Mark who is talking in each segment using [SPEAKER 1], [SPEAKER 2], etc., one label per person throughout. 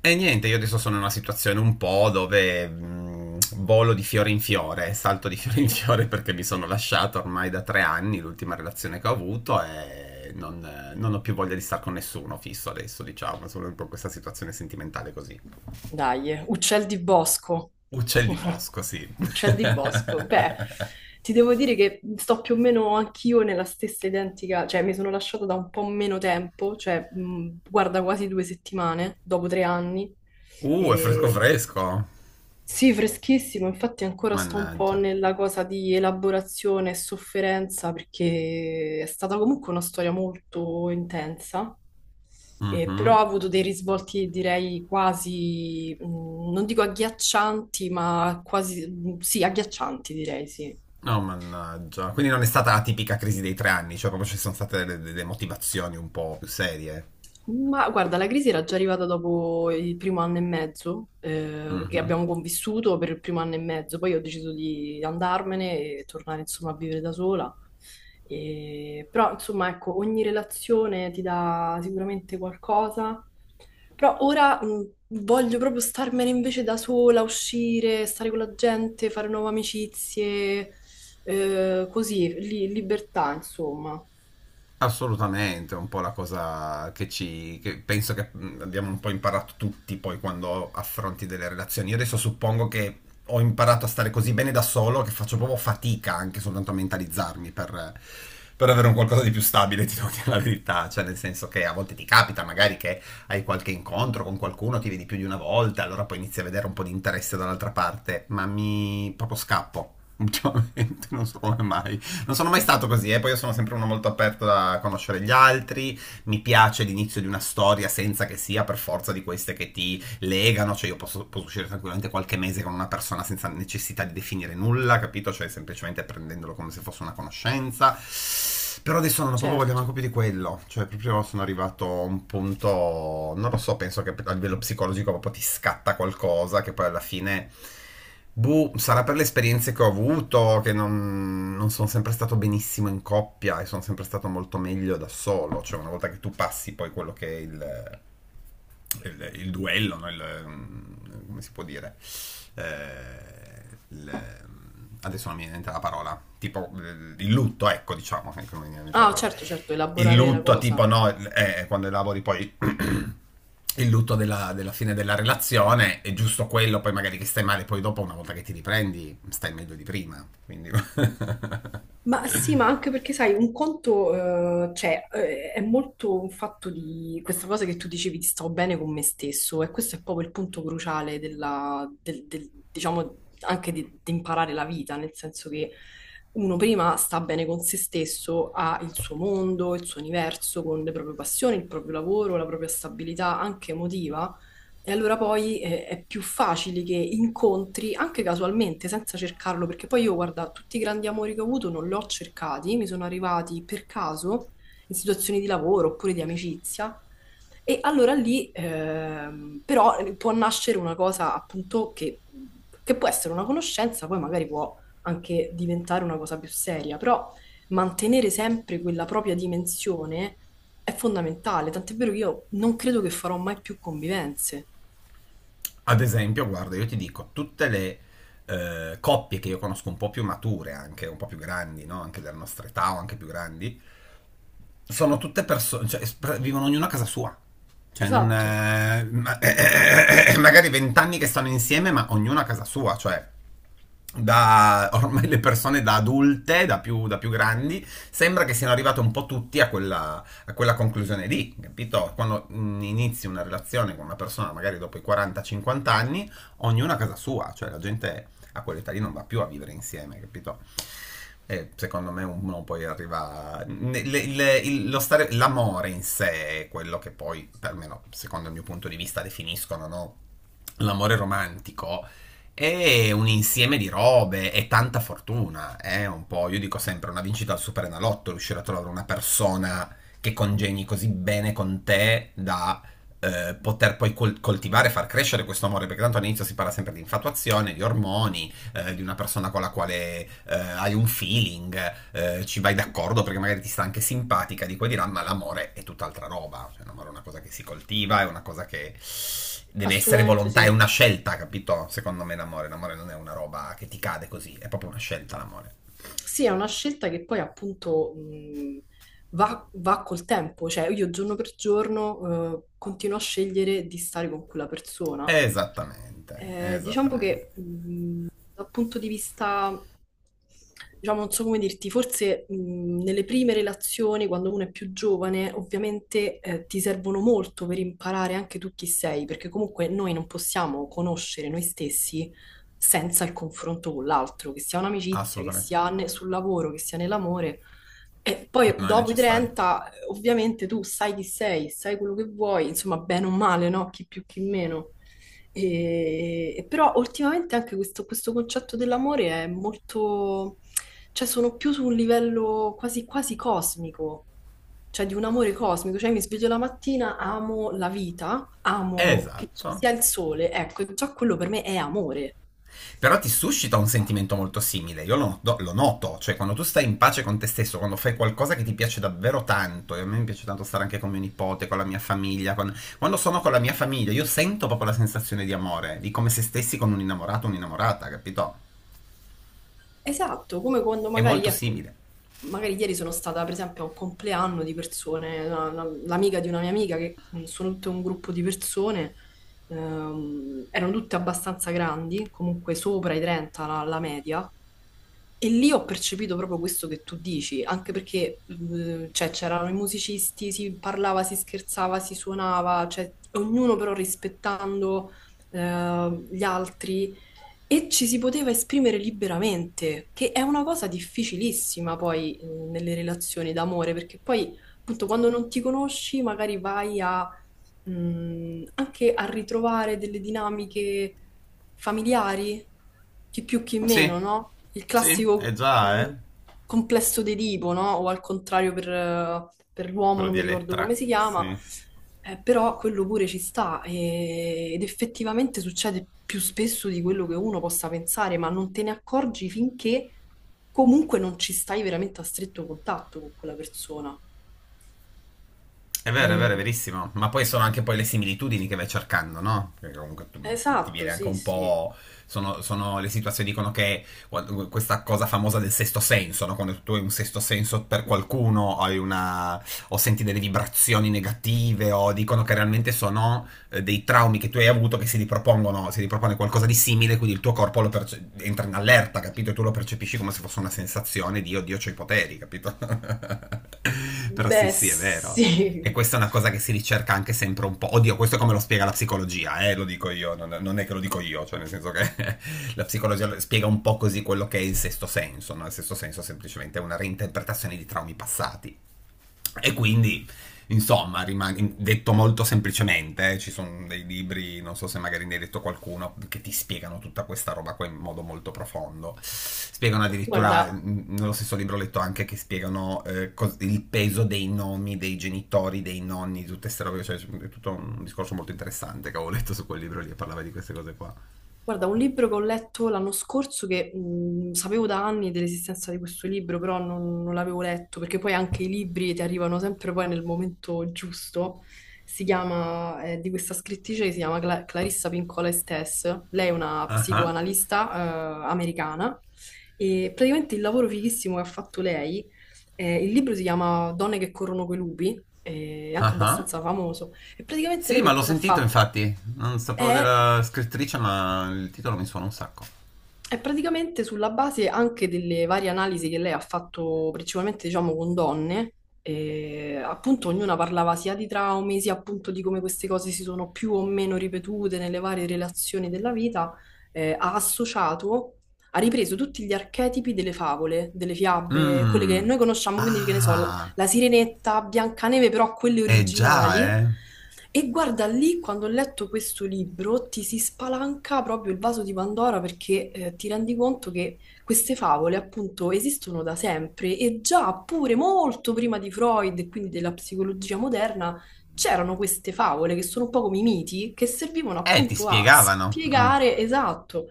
[SPEAKER 1] E niente, io adesso sono in una situazione un po' dove volo di fiore in fiore, salto di fiore in fiore perché mi sono lasciato ormai da 3 anni, l'ultima relazione che ho avuto e non ho più voglia di stare con nessuno fisso adesso, diciamo, sono un po' in questa situazione sentimentale così.
[SPEAKER 2] Dai, uccel di bosco.
[SPEAKER 1] Uccelli bosco, sì.
[SPEAKER 2] Uccel di bosco. Beh, ti devo dire che sto più o meno anch'io nella stessa identica, cioè mi sono lasciata da un po' meno tempo, cioè guarda quasi due settimane, dopo tre anni.
[SPEAKER 1] È fresco
[SPEAKER 2] E...
[SPEAKER 1] fresco.
[SPEAKER 2] Sì, freschissimo, infatti ancora sto un po'
[SPEAKER 1] Mannaggia.
[SPEAKER 2] nella cosa di elaborazione e sofferenza perché è stata comunque una storia molto intensa però
[SPEAKER 1] Mhm.
[SPEAKER 2] ha avuto dei risvolti, direi, quasi, non dico agghiaccianti, ma quasi, sì, agghiaccianti, direi, sì.
[SPEAKER 1] No, mannaggia. Quindi non è stata la tipica crisi dei 3 anni, cioè proprio ci sono state delle motivazioni un po' più serie.
[SPEAKER 2] Ma guarda, la crisi era già arrivata dopo il primo anno e mezzo, perché
[SPEAKER 1] Mhm.
[SPEAKER 2] abbiamo convissuto per il primo anno e mezzo, poi ho deciso di andarmene e tornare, insomma, a vivere da sola. Però, insomma, ecco, ogni relazione ti dà sicuramente qualcosa. Però ora voglio proprio starmene invece da sola, uscire, stare con la gente, fare nuove amicizie, così, libertà, insomma.
[SPEAKER 1] Assolutamente, è un po' la cosa che penso che abbiamo un po' imparato tutti poi quando affronti delle relazioni. Io adesso suppongo che ho imparato a stare così bene da solo che faccio proprio fatica anche soltanto a mentalizzarmi per avere un qualcosa di più stabile, ti devo dire la verità. Cioè, nel senso che a volte ti capita magari che hai qualche incontro con qualcuno, ti vedi più di una volta, allora poi inizi a vedere un po' di interesse dall'altra parte, ma mi proprio scappo ultimamente, non so come mai. Non sono mai stato così, eh. Poi io sono sempre uno molto aperto a conoscere gli altri. Mi piace l'inizio di una storia senza che sia per forza di queste che ti legano, cioè io posso uscire tranquillamente qualche mese con una persona senza necessità di definire nulla, capito? Cioè semplicemente prendendolo come se fosse una conoscenza. Però adesso non ho proprio voglia manco
[SPEAKER 2] Certo.
[SPEAKER 1] più di quello. Cioè, proprio sono arrivato a un punto. Non lo so, penso che a livello psicologico proprio ti scatta qualcosa che poi alla fine. Boh, sarà per le esperienze che ho avuto, che non sono sempre stato benissimo in coppia e sono sempre stato molto meglio da solo. Cioè, una volta che tu passi poi quello che è il duello, no? Come si può dire? Eh, il- adesso non mi viene in mente la parola, tipo il lutto, ecco, diciamo, ecco, non mi viene in mente la
[SPEAKER 2] Ah,
[SPEAKER 1] parola.
[SPEAKER 2] certo, certo,
[SPEAKER 1] Il
[SPEAKER 2] elaborare la
[SPEAKER 1] lutto,
[SPEAKER 2] cosa.
[SPEAKER 1] tipo, no, quando elabori poi il lutto della fine della relazione è giusto quello, poi magari che stai male, poi dopo una volta che ti riprendi stai meglio di prima, quindi.
[SPEAKER 2] Ma sì, ma anche perché sai, un conto, cioè, è molto un fatto di questa cosa che tu dicevi, ti stavo bene con me stesso, e questo è proprio il punto cruciale diciamo, anche di imparare la vita, nel senso che uno prima sta bene con se stesso, ha il suo mondo, il suo universo, con le proprie passioni, il proprio lavoro, la propria stabilità anche emotiva. E allora poi è più facile che incontri, anche casualmente, senza cercarlo, perché poi io, guarda, tutti i grandi amori che ho avuto non li ho cercati, mi sono arrivati per caso in situazioni di lavoro oppure di amicizia. E allora lì, però, può nascere una cosa appunto che può essere una conoscenza, poi magari può anche diventare una cosa più seria, però mantenere sempre quella propria dimensione è fondamentale, tant'è vero che io non credo che farò mai più convivenze.
[SPEAKER 1] Ad esempio, guarda, io ti dico, tutte le coppie che io conosco un po' più mature, anche un po' più grandi, no? Anche della nostra età o anche più grandi, sono tutte persone, cioè vivono ognuno a casa sua. Cioè, non,
[SPEAKER 2] Esatto,
[SPEAKER 1] magari 20 anni che stanno insieme, ma ognuno a casa sua, cioè da ormai le persone da adulte, da più grandi, sembra che siano arrivate un po' tutti a quella conclusione lì, capito? Quando inizi una relazione con una persona, magari dopo i 40-50 anni, ognuno a casa sua, cioè la gente a quell'età lì non va più a vivere insieme, capito? E secondo me uno poi arriva... l'amore in sé è quello che poi, almeno secondo il mio punto di vista, definiscono, no? L'amore romantico è un insieme di robe e tanta fortuna. È un po', io dico sempre, una vincita al Superenalotto, riuscire a trovare una persona che congegni così bene con te da poter poi coltivare, far crescere questo amore, perché tanto all'inizio si parla sempre di infatuazione, di ormoni, di una persona con la quale hai un feeling, ci vai d'accordo perché magari ti sta anche simpatica di qua e di là, ma l'amore è tutt'altra roba. Cioè, l'amore è una cosa che si coltiva, è una cosa che deve essere
[SPEAKER 2] assolutamente
[SPEAKER 1] volontà, è
[SPEAKER 2] sì.
[SPEAKER 1] una scelta, capito? Secondo me l'amore non è una roba che ti cade così, è proprio una scelta l'amore.
[SPEAKER 2] Sì, è una scelta che poi appunto va col tempo, cioè io giorno per giorno continuo a scegliere di stare con quella persona.
[SPEAKER 1] Esattamente,
[SPEAKER 2] Diciamo
[SPEAKER 1] esattamente.
[SPEAKER 2] che dal punto di vista, diciamo, non so come dirti, forse nelle prime relazioni, quando uno è più giovane, ovviamente ti servono molto per imparare anche tu chi sei, perché comunque noi non possiamo conoscere noi stessi senza il confronto con l'altro, che sia un'amicizia, che
[SPEAKER 1] Assolutamente.
[SPEAKER 2] sia sul lavoro, che sia nell'amore. E poi
[SPEAKER 1] Non è
[SPEAKER 2] dopo i
[SPEAKER 1] necessario.
[SPEAKER 2] 30 ovviamente tu sai chi sei, sai quello che vuoi, insomma, bene o male, no? Chi più, chi meno. E però ultimamente anche questo concetto dell'amore è molto, cioè sono più su un livello quasi cosmico, cioè di un amore cosmico, cioè mi sveglio la mattina, amo la vita, amo che ci
[SPEAKER 1] Esatto.
[SPEAKER 2] sia il sole, ecco, già quello per me è amore.
[SPEAKER 1] Però ti suscita un sentimento molto simile, io lo noto, cioè quando tu stai in pace con te stesso, quando fai qualcosa che ti piace davvero tanto, e a me mi piace tanto stare anche con mio nipote, con la mia famiglia, quando sono con la mia famiglia io sento proprio la sensazione di amore, di come se stessi con un innamorato o un'innamorata, capito?
[SPEAKER 2] Esatto, come quando
[SPEAKER 1] È
[SPEAKER 2] magari,
[SPEAKER 1] molto
[SPEAKER 2] ecco,
[SPEAKER 1] simile.
[SPEAKER 2] magari ieri sono stata per esempio a un compleanno di persone, l'amica di una mia amica, che sono tutto un gruppo di persone, erano tutte abbastanza grandi, comunque sopra i 30 la media, e lì ho percepito proprio questo che tu dici, anche perché cioè, c'erano i musicisti, si parlava, si scherzava, si suonava, cioè, ognuno però rispettando gli altri. E ci si poteva esprimere liberamente, che è una cosa difficilissima poi nelle relazioni d'amore, perché poi appunto quando non ti conosci magari anche a ritrovare delle dinamiche familiari, chi più chi
[SPEAKER 1] Sì,
[SPEAKER 2] meno, no? Il
[SPEAKER 1] sì, è
[SPEAKER 2] classico
[SPEAKER 1] già,
[SPEAKER 2] un
[SPEAKER 1] eh?
[SPEAKER 2] complesso di tipo, no? O al contrario per l'uomo,
[SPEAKER 1] Quello
[SPEAKER 2] non
[SPEAKER 1] di
[SPEAKER 2] mi ricordo come
[SPEAKER 1] Elettra.
[SPEAKER 2] si chiama,
[SPEAKER 1] Sì.
[SPEAKER 2] però quello pure ci sta ed effettivamente succede più spesso di quello che uno possa pensare, ma non te ne accorgi finché comunque non ci stai veramente a stretto contatto con quella persona.
[SPEAKER 1] È vero, è vero, è
[SPEAKER 2] E-
[SPEAKER 1] verissimo. Ma poi sono anche poi le similitudini che vai cercando, no? Perché comunque ti viene
[SPEAKER 2] Esatto,
[SPEAKER 1] anche
[SPEAKER 2] sì,
[SPEAKER 1] un
[SPEAKER 2] sì.
[SPEAKER 1] po'. Sono le situazioni dicono che questa cosa famosa del sesto senso, no? Quando tu hai un sesto senso per qualcuno, hai una, o senti delle vibrazioni negative, o dicono che realmente sono dei traumi che tu hai avuto che si ripropongono, si ripropone qualcosa di simile, quindi il tuo corpo entra in allerta, capito? E tu lo percepisci come se fosse una sensazione di oddio, c'ho i poteri, capito? Però sì,
[SPEAKER 2] Beh,
[SPEAKER 1] sì, è vero. E
[SPEAKER 2] sì.
[SPEAKER 1] questa è una cosa che si ricerca anche sempre un po'. Oddio, questo è come lo spiega la psicologia, lo dico io, non è che lo dico io, cioè nel senso che la psicologia spiega un po' così quello che è il sesto senso, no? Il sesto senso semplicemente è una reinterpretazione di traumi passati. E quindi, insomma, detto molto semplicemente, ci sono dei libri, non so se magari ne hai detto qualcuno, che ti spiegano tutta questa roba qua in modo molto profondo. Spiegano addirittura,
[SPEAKER 2] Guarda,
[SPEAKER 1] nello stesso libro ho letto anche che spiegano il peso dei nomi, dei genitori, dei nonni, di tutte queste robe, cioè è tutto un discorso molto interessante che avevo letto su quel libro lì e parlava di queste cose qua.
[SPEAKER 2] Guarda, un libro che ho letto l'anno scorso che sapevo da anni dell'esistenza di questo libro, però non l'avevo letto, perché poi anche i libri ti arrivano sempre poi nel momento giusto. Si chiama, è di questa scrittrice che si chiama Clarissa Pinkola Estes. Lei è una
[SPEAKER 1] Ah ah,
[SPEAKER 2] psicoanalista, americana e praticamente il lavoro fighissimo che ha fatto lei, il libro si chiama Donne che corrono coi lupi, è anche
[SPEAKER 1] ah ah.
[SPEAKER 2] abbastanza famoso. E praticamente
[SPEAKER 1] Sì,
[SPEAKER 2] lei
[SPEAKER 1] ma
[SPEAKER 2] che
[SPEAKER 1] l'ho
[SPEAKER 2] cosa ha
[SPEAKER 1] sentito
[SPEAKER 2] fatto?
[SPEAKER 1] infatti, non sapevo
[SPEAKER 2] È
[SPEAKER 1] della scrittrice, ma il titolo mi suona un sacco.
[SPEAKER 2] È praticamente sulla base anche delle varie analisi che lei ha fatto, principalmente diciamo con donne, e appunto ognuna parlava sia di traumi, sia appunto di come queste cose si sono più o meno ripetute nelle varie relazioni della vita, ha associato, ha ripreso tutti gli archetipi delle favole, delle fiabe, quelle che
[SPEAKER 1] Mmm.
[SPEAKER 2] noi conosciamo, quindi che ne so,
[SPEAKER 1] Ah,
[SPEAKER 2] la Sirenetta, Biancaneve, però quelle
[SPEAKER 1] eh già,
[SPEAKER 2] originali.
[SPEAKER 1] eh.
[SPEAKER 2] E guarda lì, quando ho letto questo libro, ti si spalanca proprio il vaso di Pandora perché ti rendi conto che queste favole appunto esistono da sempre e già pure molto prima di Freud e quindi della psicologia moderna c'erano queste favole che sono un po' come i miti che servivano
[SPEAKER 1] Ti
[SPEAKER 2] appunto a
[SPEAKER 1] spiegavano. Mm.
[SPEAKER 2] spiegare esatto.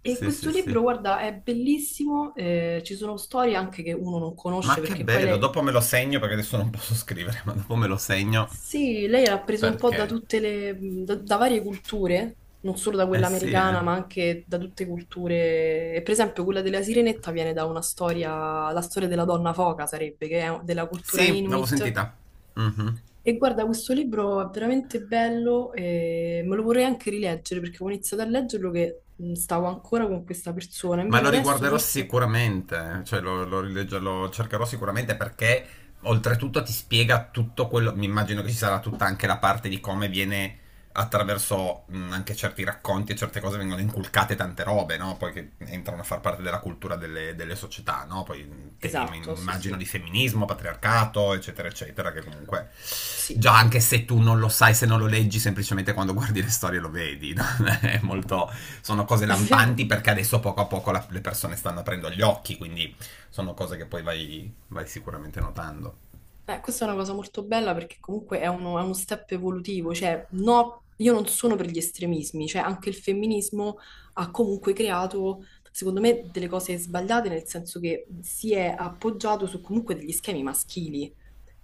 [SPEAKER 2] E
[SPEAKER 1] Sì,
[SPEAKER 2] questo
[SPEAKER 1] sì, sì.
[SPEAKER 2] libro, guarda, è bellissimo, ci sono storie anche che uno non
[SPEAKER 1] Ma
[SPEAKER 2] conosce
[SPEAKER 1] che
[SPEAKER 2] perché poi
[SPEAKER 1] bello,
[SPEAKER 2] le
[SPEAKER 1] dopo me lo segno perché adesso non posso scrivere, ma dopo me lo segno
[SPEAKER 2] sì, lei era presa un po' da
[SPEAKER 1] perché.
[SPEAKER 2] tutte da varie culture, non solo da quella
[SPEAKER 1] Sì, eh.
[SPEAKER 2] americana, ma anche da tutte culture. E per esempio, quella della Sirenetta viene da una storia, la storia della donna foca sarebbe, che è della cultura
[SPEAKER 1] Sì, l'avevo
[SPEAKER 2] Inuit.
[SPEAKER 1] sentita. Mhm.
[SPEAKER 2] E guarda, questo libro è veramente bello e me lo vorrei anche rileggere perché avevo iniziato a leggerlo che stavo ancora con questa persona.
[SPEAKER 1] Ma
[SPEAKER 2] Invece
[SPEAKER 1] lo
[SPEAKER 2] adesso
[SPEAKER 1] riguarderò
[SPEAKER 2] forse...
[SPEAKER 1] sicuramente, cioè lo cercherò sicuramente perché oltretutto ti spiega tutto quello, mi immagino che ci sarà tutta anche la parte di come viene attraverso anche certi racconti e certe cose vengono inculcate tante robe, no? Poi che entrano a far parte della cultura delle società, no? Poi temi,
[SPEAKER 2] Esatto, sì,
[SPEAKER 1] immagino,
[SPEAKER 2] sì,
[SPEAKER 1] di femminismo, patriarcato, eccetera, eccetera, che comunque
[SPEAKER 2] sì,
[SPEAKER 1] già anche se tu non lo sai, se non lo leggi, semplicemente quando guardi le storie lo vedi, no? È molto Sono cose
[SPEAKER 2] è vero.
[SPEAKER 1] lampanti perché adesso poco a poco le persone stanno aprendo gli occhi, quindi sono cose che poi vai sicuramente notando.
[SPEAKER 2] Beh, questa è una cosa molto bella perché comunque è uno step evolutivo, cioè no, io non sono per gli estremismi, cioè anche il femminismo ha comunque creato, secondo me, delle cose sbagliate, nel senso che si è appoggiato su comunque degli schemi maschili.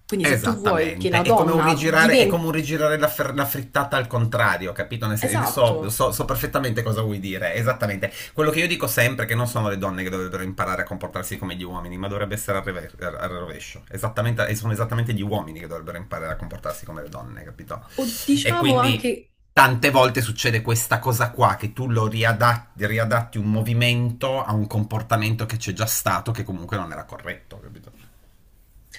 [SPEAKER 2] Quindi se tu vuoi che
[SPEAKER 1] Esattamente,
[SPEAKER 2] la
[SPEAKER 1] è come un
[SPEAKER 2] donna
[SPEAKER 1] rigirare, è come un
[SPEAKER 2] diventi...
[SPEAKER 1] rigirare la frittata al contrario, capito? Nel senso,
[SPEAKER 2] Esatto,
[SPEAKER 1] so perfettamente cosa vuoi dire, esattamente. Quello che io dico sempre è che non sono le donne che dovrebbero imparare a comportarsi come gli uomini, ma dovrebbe essere al rovescio. Esattamente, sono esattamente gli uomini che dovrebbero imparare a comportarsi come le donne, capito?
[SPEAKER 2] o
[SPEAKER 1] E
[SPEAKER 2] diciamo
[SPEAKER 1] quindi
[SPEAKER 2] anche
[SPEAKER 1] tante volte succede questa cosa qua, che tu lo riadatti un movimento a un comportamento che c'è già stato, che comunque non era corretto, capito?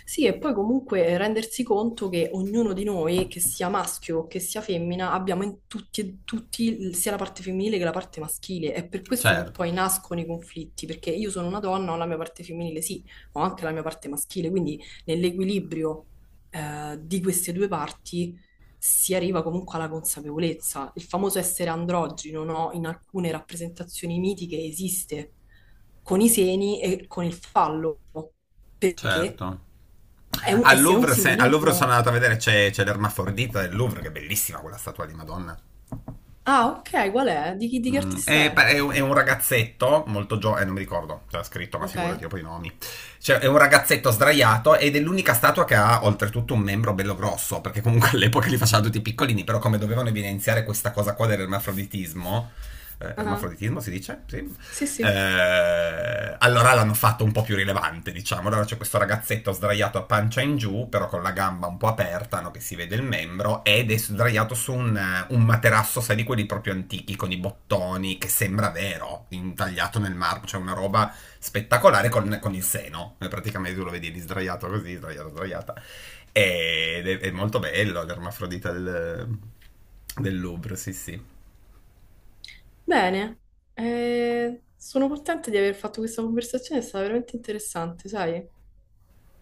[SPEAKER 2] sì, e poi comunque rendersi conto che ognuno di noi, che sia maschio o che sia femmina, abbiamo in tutti e tutti il- sia la parte femminile che la parte maschile. È per questo che
[SPEAKER 1] Certo,
[SPEAKER 2] poi nascono i conflitti, perché io sono una donna, ho la mia parte femminile, sì, ma ho anche la mia parte maschile, quindi nell'equilibrio di queste due parti si arriva comunque alla consapevolezza. Il famoso essere androgino, no? In alcune rappresentazioni mitiche esiste con i seni e con il fallo, perché
[SPEAKER 1] certo.
[SPEAKER 2] è un,
[SPEAKER 1] Al
[SPEAKER 2] è un
[SPEAKER 1] Louvre, se- al Louvre sono
[SPEAKER 2] simbolismo.
[SPEAKER 1] andato a vedere, c'è l'ermafrodita del Louvre, che è bellissima quella statua di Madonna.
[SPEAKER 2] Ah, ok, qual è? Di chi, di che
[SPEAKER 1] Mm,
[SPEAKER 2] artista
[SPEAKER 1] è,
[SPEAKER 2] è?
[SPEAKER 1] è un- è un ragazzetto molto giovane, non mi ricordo, c'era scritto, ma
[SPEAKER 2] Ok.
[SPEAKER 1] figurati dopo i nomi. Cioè, è un ragazzetto sdraiato ed è l'unica statua che ha oltretutto un membro bello grosso, perché comunque all'epoca li facevano tutti piccolini, però come dovevano evidenziare questa cosa qua dell'ermafroditismo,
[SPEAKER 2] Ah,
[SPEAKER 1] ermafroditismo si dice? Sì,
[SPEAKER 2] sì, sì.
[SPEAKER 1] allora l'hanno fatto un po' più rilevante, diciamo. Allora c'è questo ragazzetto sdraiato a pancia in giù, però con la gamba un po' aperta, no, che si vede il membro, ed è sdraiato su un materasso, sai, di quelli proprio antichi, con i bottoni, che sembra vero, intagliato nel marmo, cioè una roba spettacolare con il seno. Praticamente tu lo vedi lì sdraiato così, sdraiato, sdraiata. Ed è molto bello l'ermafrodita del Louvre, sì sì.
[SPEAKER 2] Bene. Sono contenta di aver fatto questa conversazione, è stata veramente interessante, sai?